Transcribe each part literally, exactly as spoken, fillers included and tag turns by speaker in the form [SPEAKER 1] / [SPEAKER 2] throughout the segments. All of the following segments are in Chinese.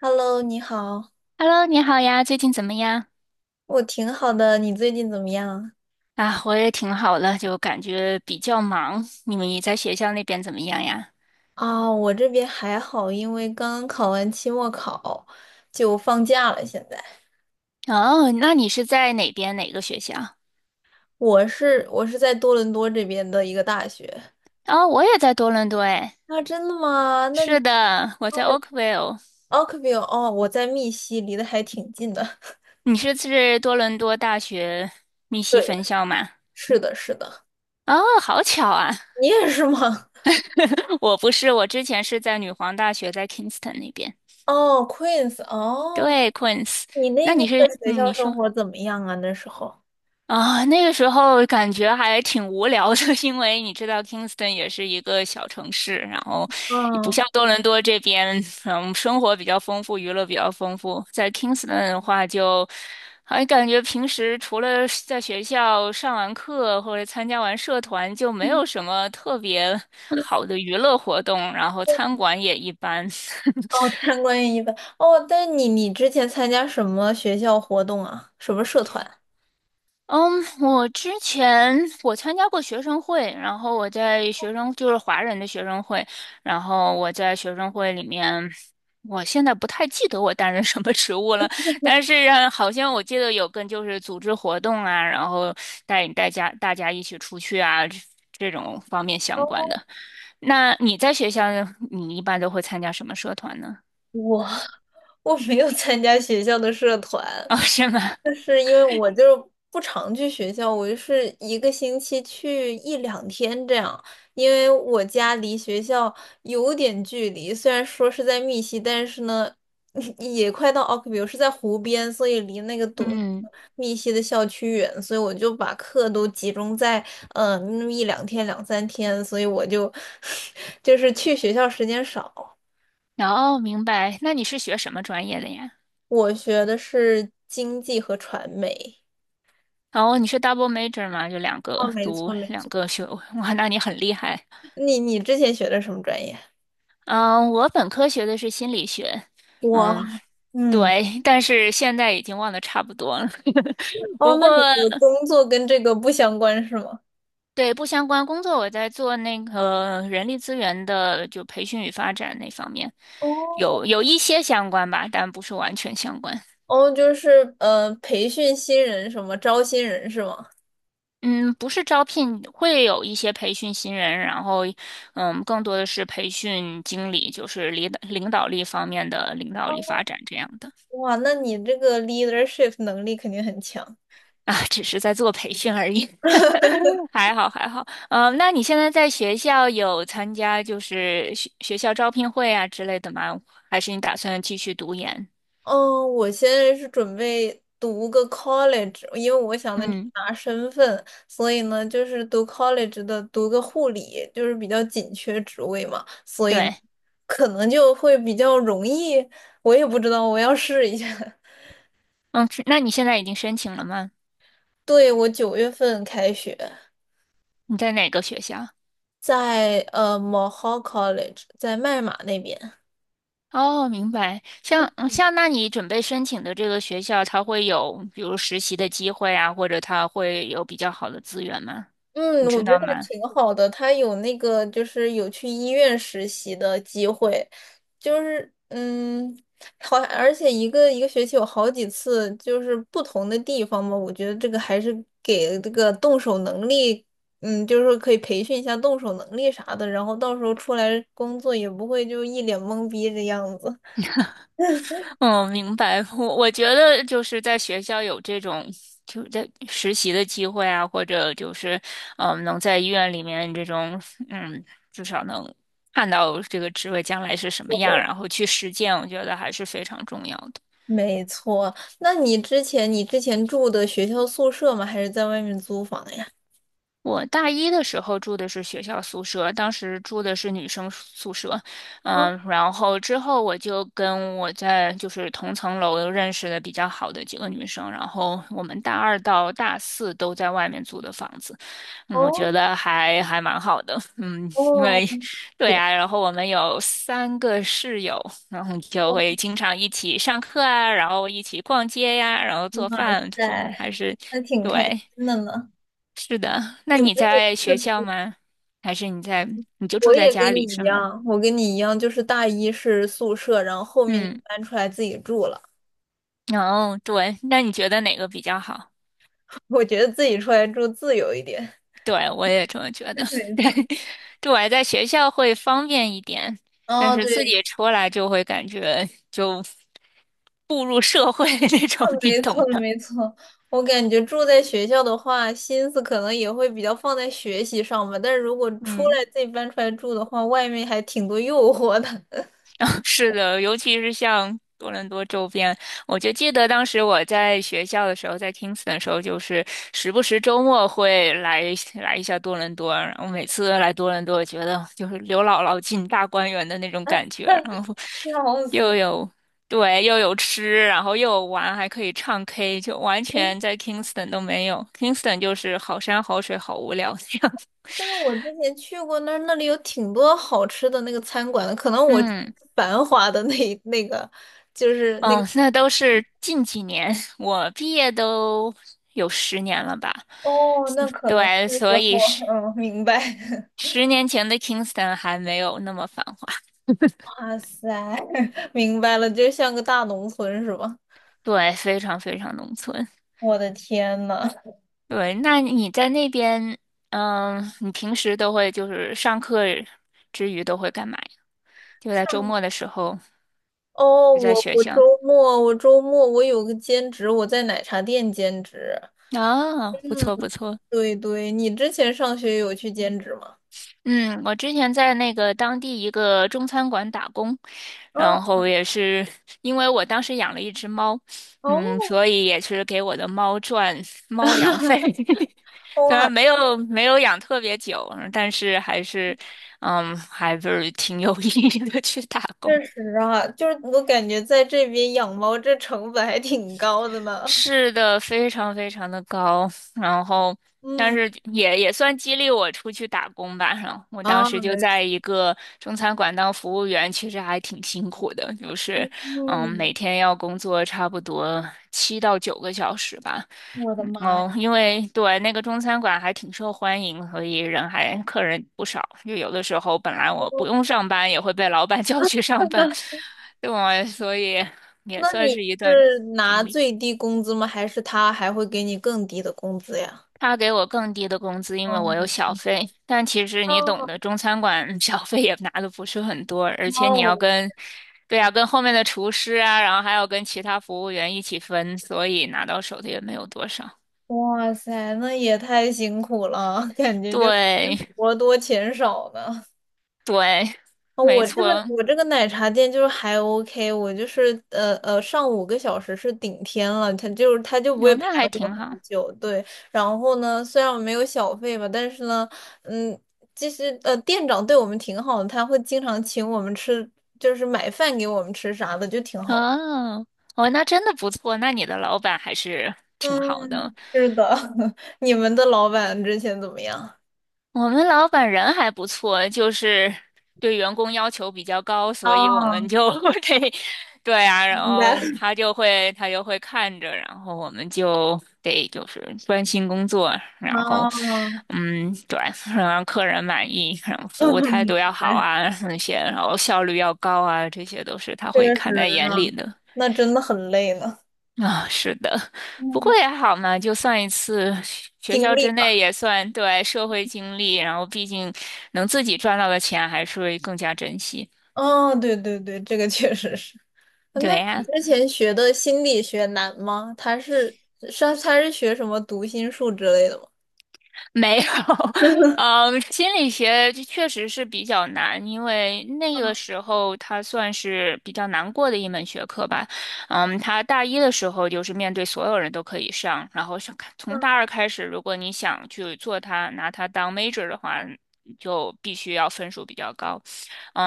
[SPEAKER 1] Hello，你好，
[SPEAKER 2] Hello，你好呀，最近怎么样？
[SPEAKER 1] 我挺好的，你最近怎么样？
[SPEAKER 2] 啊，我也挺好的，就感觉比较忙。你们也在学校那边怎么样呀？
[SPEAKER 1] 啊，我这边还好，因为刚刚考完期末考，就放假了。现在
[SPEAKER 2] 哦，那你是在哪边哪个学校？
[SPEAKER 1] 我是我是在多伦多这边的一个大学。
[SPEAKER 2] 哦，我也在多伦多诶。
[SPEAKER 1] 啊，真的吗？那
[SPEAKER 2] 是
[SPEAKER 1] 你
[SPEAKER 2] 的，我在 Oakville。
[SPEAKER 1] 奥克比尔哦，我在密西，离得还挺近的。
[SPEAKER 2] 你是是多伦多大学密西
[SPEAKER 1] 对
[SPEAKER 2] 分
[SPEAKER 1] 的，
[SPEAKER 2] 校吗？
[SPEAKER 1] 是的，是的，
[SPEAKER 2] 哦，好巧啊！
[SPEAKER 1] 你也是吗？
[SPEAKER 2] 我不是，我之前是在女皇大学，在 Kingston 那边。
[SPEAKER 1] 哦，Queens，哦，
[SPEAKER 2] 对，Queens。
[SPEAKER 1] 你那
[SPEAKER 2] 那你
[SPEAKER 1] 边的
[SPEAKER 2] 是，
[SPEAKER 1] 学
[SPEAKER 2] 嗯，
[SPEAKER 1] 校
[SPEAKER 2] 你
[SPEAKER 1] 生
[SPEAKER 2] 说。
[SPEAKER 1] 活怎么样啊？那时候，
[SPEAKER 2] 啊，那个时候感觉还挺无聊的，因为你知道 Kingston 也是一个小城市，然后也不
[SPEAKER 1] 嗯。
[SPEAKER 2] 像多伦多这边，嗯，生活比较丰富，娱乐比较丰富。在 Kingston 的话就，还感觉平时除了在学校上完课或者参加完社团，就没有什么特别好的娱乐活动，然后餐馆也一般。
[SPEAKER 1] 哦，参观一般哦，但你你之前参加什么学校活动啊？什么社团？
[SPEAKER 2] 嗯，我之前我参加过学生会，然后我在学生就是华人的学生会，然后我在学生会里面，我现在不太记得我担任什么职务了，但是呃好像我记得有跟就是组织活动啊，然后带大家大家一起出去啊这这种方面相关的。那你在学校你一般都会参加什么社团呢？
[SPEAKER 1] 我 我没有参加学校的社团，
[SPEAKER 2] 哦，是吗？
[SPEAKER 1] 就是因为我就是不常去学校，我就是一个星期去一两天这样，因为我家离学校有点距离，虽然说是在密西，但是呢，也快到奥克比尔，我是在湖边，所以离那个东
[SPEAKER 2] 嗯，
[SPEAKER 1] 密西的校区远，所以我就把课都集中在嗯、呃那么一两天、两三天，所以我就 就是去学校时间少。
[SPEAKER 2] 哦，明白。那你是学什么专业的呀？
[SPEAKER 1] 我学的是经济和传媒。
[SPEAKER 2] 哦，你是 double major 吗？就两个
[SPEAKER 1] 哦，没
[SPEAKER 2] 读
[SPEAKER 1] 错没
[SPEAKER 2] 两
[SPEAKER 1] 错。
[SPEAKER 2] 个学位，哇，那你很厉害。
[SPEAKER 1] 你你之前学的什么专业？
[SPEAKER 2] 嗯，我本科学的是心理学，嗯，
[SPEAKER 1] 哇，嗯，
[SPEAKER 2] 对，但是现在已经忘得差不多了。
[SPEAKER 1] 哦，
[SPEAKER 2] 不
[SPEAKER 1] 那
[SPEAKER 2] 过，
[SPEAKER 1] 你的工作跟这个不相关是吗？
[SPEAKER 2] 对，不相关工作，我在做那个人力资源的，就培训与发展那方面，
[SPEAKER 1] 哦
[SPEAKER 2] 有有一些相关吧，但不是完全相关。
[SPEAKER 1] 哦，就是呃，培训新人什么，招新人是吗？
[SPEAKER 2] 嗯，不是招聘，会有一些培训新人，然后，嗯，更多的是培训经理，就是领导领导力方面的领导力发
[SPEAKER 1] 哦，
[SPEAKER 2] 展这样的。
[SPEAKER 1] 哇，那你这个 leadership 能力肯定很强。
[SPEAKER 2] 啊，只是在做培训而已，还好还好。嗯，那你现在在学校有参加就是学学校招聘会啊之类的吗？还是你打算继续读研？
[SPEAKER 1] 嗯，我现在是准备读个 college,因为我想的
[SPEAKER 2] 嗯，
[SPEAKER 1] 拿身份，所以呢，就是读 college 的读个护理，就是比较紧缺职位嘛，所以呢
[SPEAKER 2] 对，
[SPEAKER 1] 可能就会比较容易。我也不知道，我要试一下。
[SPEAKER 2] 嗯，是那你现在已经申请了吗？
[SPEAKER 1] 对，我九月份开学，
[SPEAKER 2] 你在哪个学校？
[SPEAKER 1] 在呃 Mohawk College,在麦马那边。
[SPEAKER 2] 哦，明白。像嗯像，那你准备申请的这个学校，它会有比如实习的机会啊，或者它会有比较好的资源吗？你
[SPEAKER 1] 嗯，我
[SPEAKER 2] 知
[SPEAKER 1] 觉得
[SPEAKER 2] 道
[SPEAKER 1] 他
[SPEAKER 2] 吗？
[SPEAKER 1] 挺好的，他有那个就是有去医院实习的机会，就是嗯，好，而且一个一个学期有好几次，就是不同的地方嘛，我觉得这个还是给这个动手能力，嗯，就是说可以培训一下动手能力啥的，然后到时候出来工作也不会就一脸懵逼的样子。
[SPEAKER 2] 嗯，明白。我我觉得就是在学校有这种就在实习的机会啊，或者就是嗯，能在医院里面这种嗯，至少能看到这个职位将来是什么样，然后去实践，我觉得还是非常重要的。
[SPEAKER 1] 没错，那你之前你之前住的学校宿舍吗？还是在外面租房呀？
[SPEAKER 2] 我大一的时候住的是学校宿舍，当时住的是女生宿舍，
[SPEAKER 1] 哦
[SPEAKER 2] 嗯，然后之后我就跟我在就是同层楼认识的比较好的几个女生，然后我们大二到大四都在外面租的房子，嗯，我
[SPEAKER 1] 哦，
[SPEAKER 2] 觉得还还蛮好的，嗯，因
[SPEAKER 1] 哦，
[SPEAKER 2] 为对啊，然后我们有三个室友，然后就
[SPEAKER 1] 哇
[SPEAKER 2] 会经常一起上课啊，然后一起逛街呀，然后做饭，嗯
[SPEAKER 1] 塞，
[SPEAKER 2] 还是
[SPEAKER 1] 还挺开
[SPEAKER 2] 对。
[SPEAKER 1] 心的呢。
[SPEAKER 2] 是的，那
[SPEAKER 1] 你们
[SPEAKER 2] 你
[SPEAKER 1] 也
[SPEAKER 2] 在学校
[SPEAKER 1] 是，
[SPEAKER 2] 吗？还是你在，你就住
[SPEAKER 1] 我
[SPEAKER 2] 在
[SPEAKER 1] 也
[SPEAKER 2] 家
[SPEAKER 1] 跟
[SPEAKER 2] 里
[SPEAKER 1] 你一
[SPEAKER 2] 是吗？
[SPEAKER 1] 样，我跟你一样，就是大一是宿舍，然后后面就
[SPEAKER 2] 嗯，
[SPEAKER 1] 搬出来自己住了。
[SPEAKER 2] 哦，对，那你觉得哪个比较好？
[SPEAKER 1] 我觉得自己出来住自由一点。
[SPEAKER 2] 对，我也这么觉得。
[SPEAKER 1] 没错，
[SPEAKER 2] 对，对，我在学校会方便一点，但
[SPEAKER 1] 哦，
[SPEAKER 2] 是自
[SPEAKER 1] 对，
[SPEAKER 2] 己出来就会感觉就步入社会 那种，你
[SPEAKER 1] 没错
[SPEAKER 2] 懂的。
[SPEAKER 1] 没错。我感觉住在学校的话，心思可能也会比较放在学习上吧。但是如果出
[SPEAKER 2] 嗯。
[SPEAKER 1] 来自己搬出来住的话，外面还挺多诱惑的，
[SPEAKER 2] 是的，尤其是像多伦多周边，我就记得当时我在学校的时候，在 Kingston 的时候，就是时不时周末会来来一下多伦多。然后每次来多伦多，我觉得就是刘姥姥进大观园的那种感觉，然后
[SPEAKER 1] 笑
[SPEAKER 2] 又
[SPEAKER 1] 死。
[SPEAKER 2] 有对，又有吃，然后又有玩，还可以唱 K，就完全在 Kingston 都没有。Kingston 就是好山好水好无聊这样。
[SPEAKER 1] 但是我之前去过那儿，那里有挺多好吃的那个餐馆的，可 能我去
[SPEAKER 2] 嗯。
[SPEAKER 1] 繁华的那一 那个就是那个
[SPEAKER 2] 嗯，那都是近几年，我毕业都有十年了吧？
[SPEAKER 1] 哦，那可能
[SPEAKER 2] 对，
[SPEAKER 1] 是
[SPEAKER 2] 所
[SPEAKER 1] 时
[SPEAKER 2] 以
[SPEAKER 1] 候，
[SPEAKER 2] 十
[SPEAKER 1] 嗯，明白。
[SPEAKER 2] 十年前的 Kingston 还没有那么繁华，
[SPEAKER 1] 哇塞，明白了，就像个大农村是吧？
[SPEAKER 2] 对，非常非常农村。
[SPEAKER 1] 我的天呐！
[SPEAKER 2] 对，那你在那边，嗯，你平时都会就是上课之余都会干嘛呀？就在周末的时候，
[SPEAKER 1] 哦，
[SPEAKER 2] 就在
[SPEAKER 1] 我
[SPEAKER 2] 学
[SPEAKER 1] 我周
[SPEAKER 2] 校。
[SPEAKER 1] 末我周末我有个兼职，我在奶茶店兼职。
[SPEAKER 2] 啊，不错不错。
[SPEAKER 1] 对对，你之前上学有去兼职吗？
[SPEAKER 2] 嗯，我之前在那个当地一个中餐馆打工，
[SPEAKER 1] 啊，
[SPEAKER 2] 然后也是因为我当时养了一只猫，
[SPEAKER 1] 哦，
[SPEAKER 2] 嗯，所以也是给我的猫赚猫粮费。虽然
[SPEAKER 1] 哇
[SPEAKER 2] 没有没有养特别久，但是还是，嗯，还是挺有意义的去打工。
[SPEAKER 1] 确实啊，就是我感觉在这边养猫这成本还挺高的呢。
[SPEAKER 2] 是的，非常非常的高，然后但
[SPEAKER 1] 嗯，
[SPEAKER 2] 是也也算激励我出去打工吧。然后我当
[SPEAKER 1] 啊，
[SPEAKER 2] 时就
[SPEAKER 1] 没
[SPEAKER 2] 在
[SPEAKER 1] 错，
[SPEAKER 2] 一个中餐馆当服务员，其实还挺辛苦的，就是嗯，每
[SPEAKER 1] 嗯，
[SPEAKER 2] 天要工作差不多七到九个小时吧。
[SPEAKER 1] 我的
[SPEAKER 2] 嗯
[SPEAKER 1] 妈呀！
[SPEAKER 2] 哦，因为对那个中餐馆还挺受欢迎，所以人还客人不少。就有的时候本来我不 用上班，也会被老板 叫去上班，
[SPEAKER 1] 那
[SPEAKER 2] 对我，所以也
[SPEAKER 1] 那
[SPEAKER 2] 算
[SPEAKER 1] 你
[SPEAKER 2] 是一段
[SPEAKER 1] 是拿
[SPEAKER 2] 经历。
[SPEAKER 1] 最低工资吗？还是他还会给你更低的工资呀？
[SPEAKER 2] 他给我更低的工资，因为我
[SPEAKER 1] 嗯，
[SPEAKER 2] 有小费。但其实你懂
[SPEAKER 1] 哦，
[SPEAKER 2] 的，中餐馆 小费也拿的不是很多，而且你
[SPEAKER 1] 哦，
[SPEAKER 2] 要跟，对啊，跟后面的厨师啊，然后还要跟其他服务员一起分，所以拿到手的也没有多少。
[SPEAKER 1] 哇塞，那也太辛苦了，感觉就是
[SPEAKER 2] 对
[SPEAKER 1] 活多钱少呢。
[SPEAKER 2] 对，
[SPEAKER 1] 哦
[SPEAKER 2] 没
[SPEAKER 1] 我这个
[SPEAKER 2] 错，
[SPEAKER 1] 我这个奶茶店就是还 OK,我就是呃呃上五个小时是顶天了，他就是他就不会
[SPEAKER 2] 哦，
[SPEAKER 1] 排
[SPEAKER 2] 那还
[SPEAKER 1] 我
[SPEAKER 2] 挺
[SPEAKER 1] 很
[SPEAKER 2] 好。
[SPEAKER 1] 久，对。然后呢，虽然我没有小费吧，但是呢，嗯，其实呃店长对我们挺好的，他会经常请我们吃，就是买饭给我们吃啥的，就挺好。
[SPEAKER 2] 哦哦，那真的不错，那你的老板还是挺好的。
[SPEAKER 1] 嗯，是的，你们的老板之前怎么样？
[SPEAKER 2] 我们老板人还不错，就是对员工要求比较高，所
[SPEAKER 1] 啊，
[SPEAKER 2] 以我们就 得，对啊，然
[SPEAKER 1] 明白了。
[SPEAKER 2] 后他就会他就会看着，然后我们就得就是专心工作，然后
[SPEAKER 1] 嗯，
[SPEAKER 2] 嗯，对，让客人满意，然后服务 态
[SPEAKER 1] 明
[SPEAKER 2] 度要好
[SPEAKER 1] 白，
[SPEAKER 2] 啊，那些，然后效率要高啊，这些都是他会
[SPEAKER 1] 确
[SPEAKER 2] 看在
[SPEAKER 1] 实
[SPEAKER 2] 眼里
[SPEAKER 1] 啊，
[SPEAKER 2] 的。
[SPEAKER 1] 那真的很累呢。
[SPEAKER 2] 啊、是的，不
[SPEAKER 1] 嗯，
[SPEAKER 2] 过也好嘛，就算一次学学
[SPEAKER 1] 经
[SPEAKER 2] 校
[SPEAKER 1] 历
[SPEAKER 2] 之内
[SPEAKER 1] 吧。
[SPEAKER 2] 也算对社会经历，然后毕竟能自己赚到的钱还是会更加珍惜。
[SPEAKER 1] 哦，对对对，这个确实是。那
[SPEAKER 2] 对
[SPEAKER 1] 你
[SPEAKER 2] 呀、
[SPEAKER 1] 之前学的心理学难吗？他是是他是学什么读心术之类的吗？
[SPEAKER 2] 没有，嗯，心理学这确实是比较难，因为那个时候它算是比较难过的一门学科吧。嗯，它大一的时候就是面对所有人都可以上，然后上
[SPEAKER 1] 嗯，
[SPEAKER 2] 从大二开始，如果你想去做它，拿它当 major 的话，就必须要分数比较高。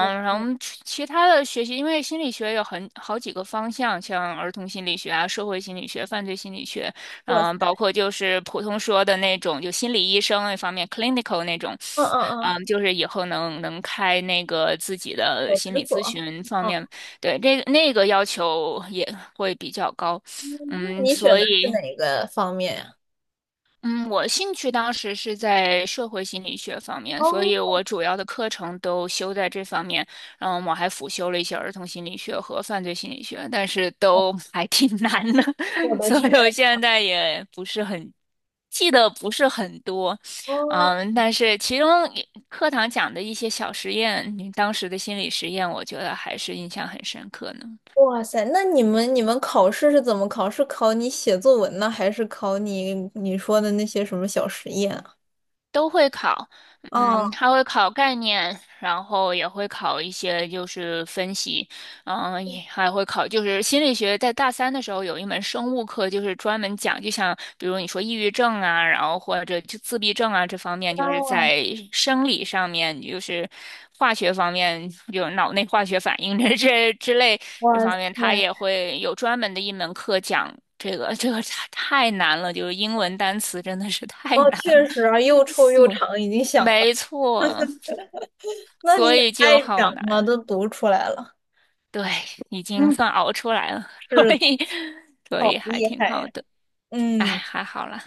[SPEAKER 1] 我
[SPEAKER 2] 然
[SPEAKER 1] 我
[SPEAKER 2] 后其其他的学习，因为心理学有很好几个方向，像儿童心理学啊、社会心理学、犯罪心理学。
[SPEAKER 1] 哇塞，
[SPEAKER 2] 嗯，包括就是普通说的那种，就心理医生那方面，clinical 那种，
[SPEAKER 1] 嗯嗯嗯，
[SPEAKER 2] 嗯，就是以后能能开那个自己的
[SPEAKER 1] 小
[SPEAKER 2] 心
[SPEAKER 1] 诊
[SPEAKER 2] 理咨
[SPEAKER 1] 所。
[SPEAKER 2] 询方
[SPEAKER 1] 嗯，
[SPEAKER 2] 面，对，这个那个要求也会比较高，
[SPEAKER 1] 嗯那
[SPEAKER 2] 嗯，
[SPEAKER 1] 你选
[SPEAKER 2] 所
[SPEAKER 1] 的是
[SPEAKER 2] 以。
[SPEAKER 1] 哪个方面呀？
[SPEAKER 2] 嗯，我兴趣当时是在社会心理学方面，所以
[SPEAKER 1] 哦
[SPEAKER 2] 我主要的课程都修在这方面。然后我还辅修了一些儿童心理学和犯罪心理学，但是都 还挺难的，
[SPEAKER 1] 我 的
[SPEAKER 2] 所
[SPEAKER 1] 天，
[SPEAKER 2] 以我现在也不是很记得不是很多。
[SPEAKER 1] 哦，
[SPEAKER 2] 嗯，但是其中也课堂讲的一些小实验，你当时的心理实验，我觉得还是印象很深刻呢。
[SPEAKER 1] 哇塞！那你们你们考试是怎么考？是考你写作文呢，还是考你你说的那些什么小实验啊？
[SPEAKER 2] 都会考，嗯，
[SPEAKER 1] 哦，
[SPEAKER 2] 他会考概念，然后也会考一些就是分析，嗯，也还会考就是心理学，在大三的时候有一门生物课，就是专门讲，就像比如你说抑郁症啊，然后或者就自闭症啊这方面，就是
[SPEAKER 1] 哦，
[SPEAKER 2] 在生理上面，就是化学方面，有脑内化学反应这这之类这
[SPEAKER 1] 哇
[SPEAKER 2] 方
[SPEAKER 1] 塞！
[SPEAKER 2] 面，他也会有专门的一门课讲。这个这个太太难了，就是英文单词真的是太
[SPEAKER 1] 哦，
[SPEAKER 2] 难
[SPEAKER 1] 确
[SPEAKER 2] 了。
[SPEAKER 1] 实啊，又 臭又
[SPEAKER 2] 所
[SPEAKER 1] 长，已经想了。
[SPEAKER 2] 没错，
[SPEAKER 1] 那你
[SPEAKER 2] 所
[SPEAKER 1] 也
[SPEAKER 2] 以就
[SPEAKER 1] 太
[SPEAKER 2] 好
[SPEAKER 1] 强了，
[SPEAKER 2] 难。
[SPEAKER 1] 都读出来了。
[SPEAKER 2] 对，已经
[SPEAKER 1] 嗯，
[SPEAKER 2] 算熬出来了，所
[SPEAKER 1] 是的，
[SPEAKER 2] 以所以
[SPEAKER 1] 好
[SPEAKER 2] 还
[SPEAKER 1] 厉
[SPEAKER 2] 挺
[SPEAKER 1] 害
[SPEAKER 2] 好
[SPEAKER 1] 呀。
[SPEAKER 2] 的。哎，
[SPEAKER 1] 嗯，
[SPEAKER 2] 还好啦。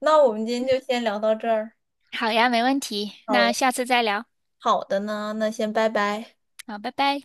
[SPEAKER 1] 那我们今天就先聊到这儿。
[SPEAKER 2] 好呀，没问题。
[SPEAKER 1] 好
[SPEAKER 2] 那
[SPEAKER 1] 呀，
[SPEAKER 2] 下次再聊。
[SPEAKER 1] 好的呢，那先拜拜。
[SPEAKER 2] 好，拜拜。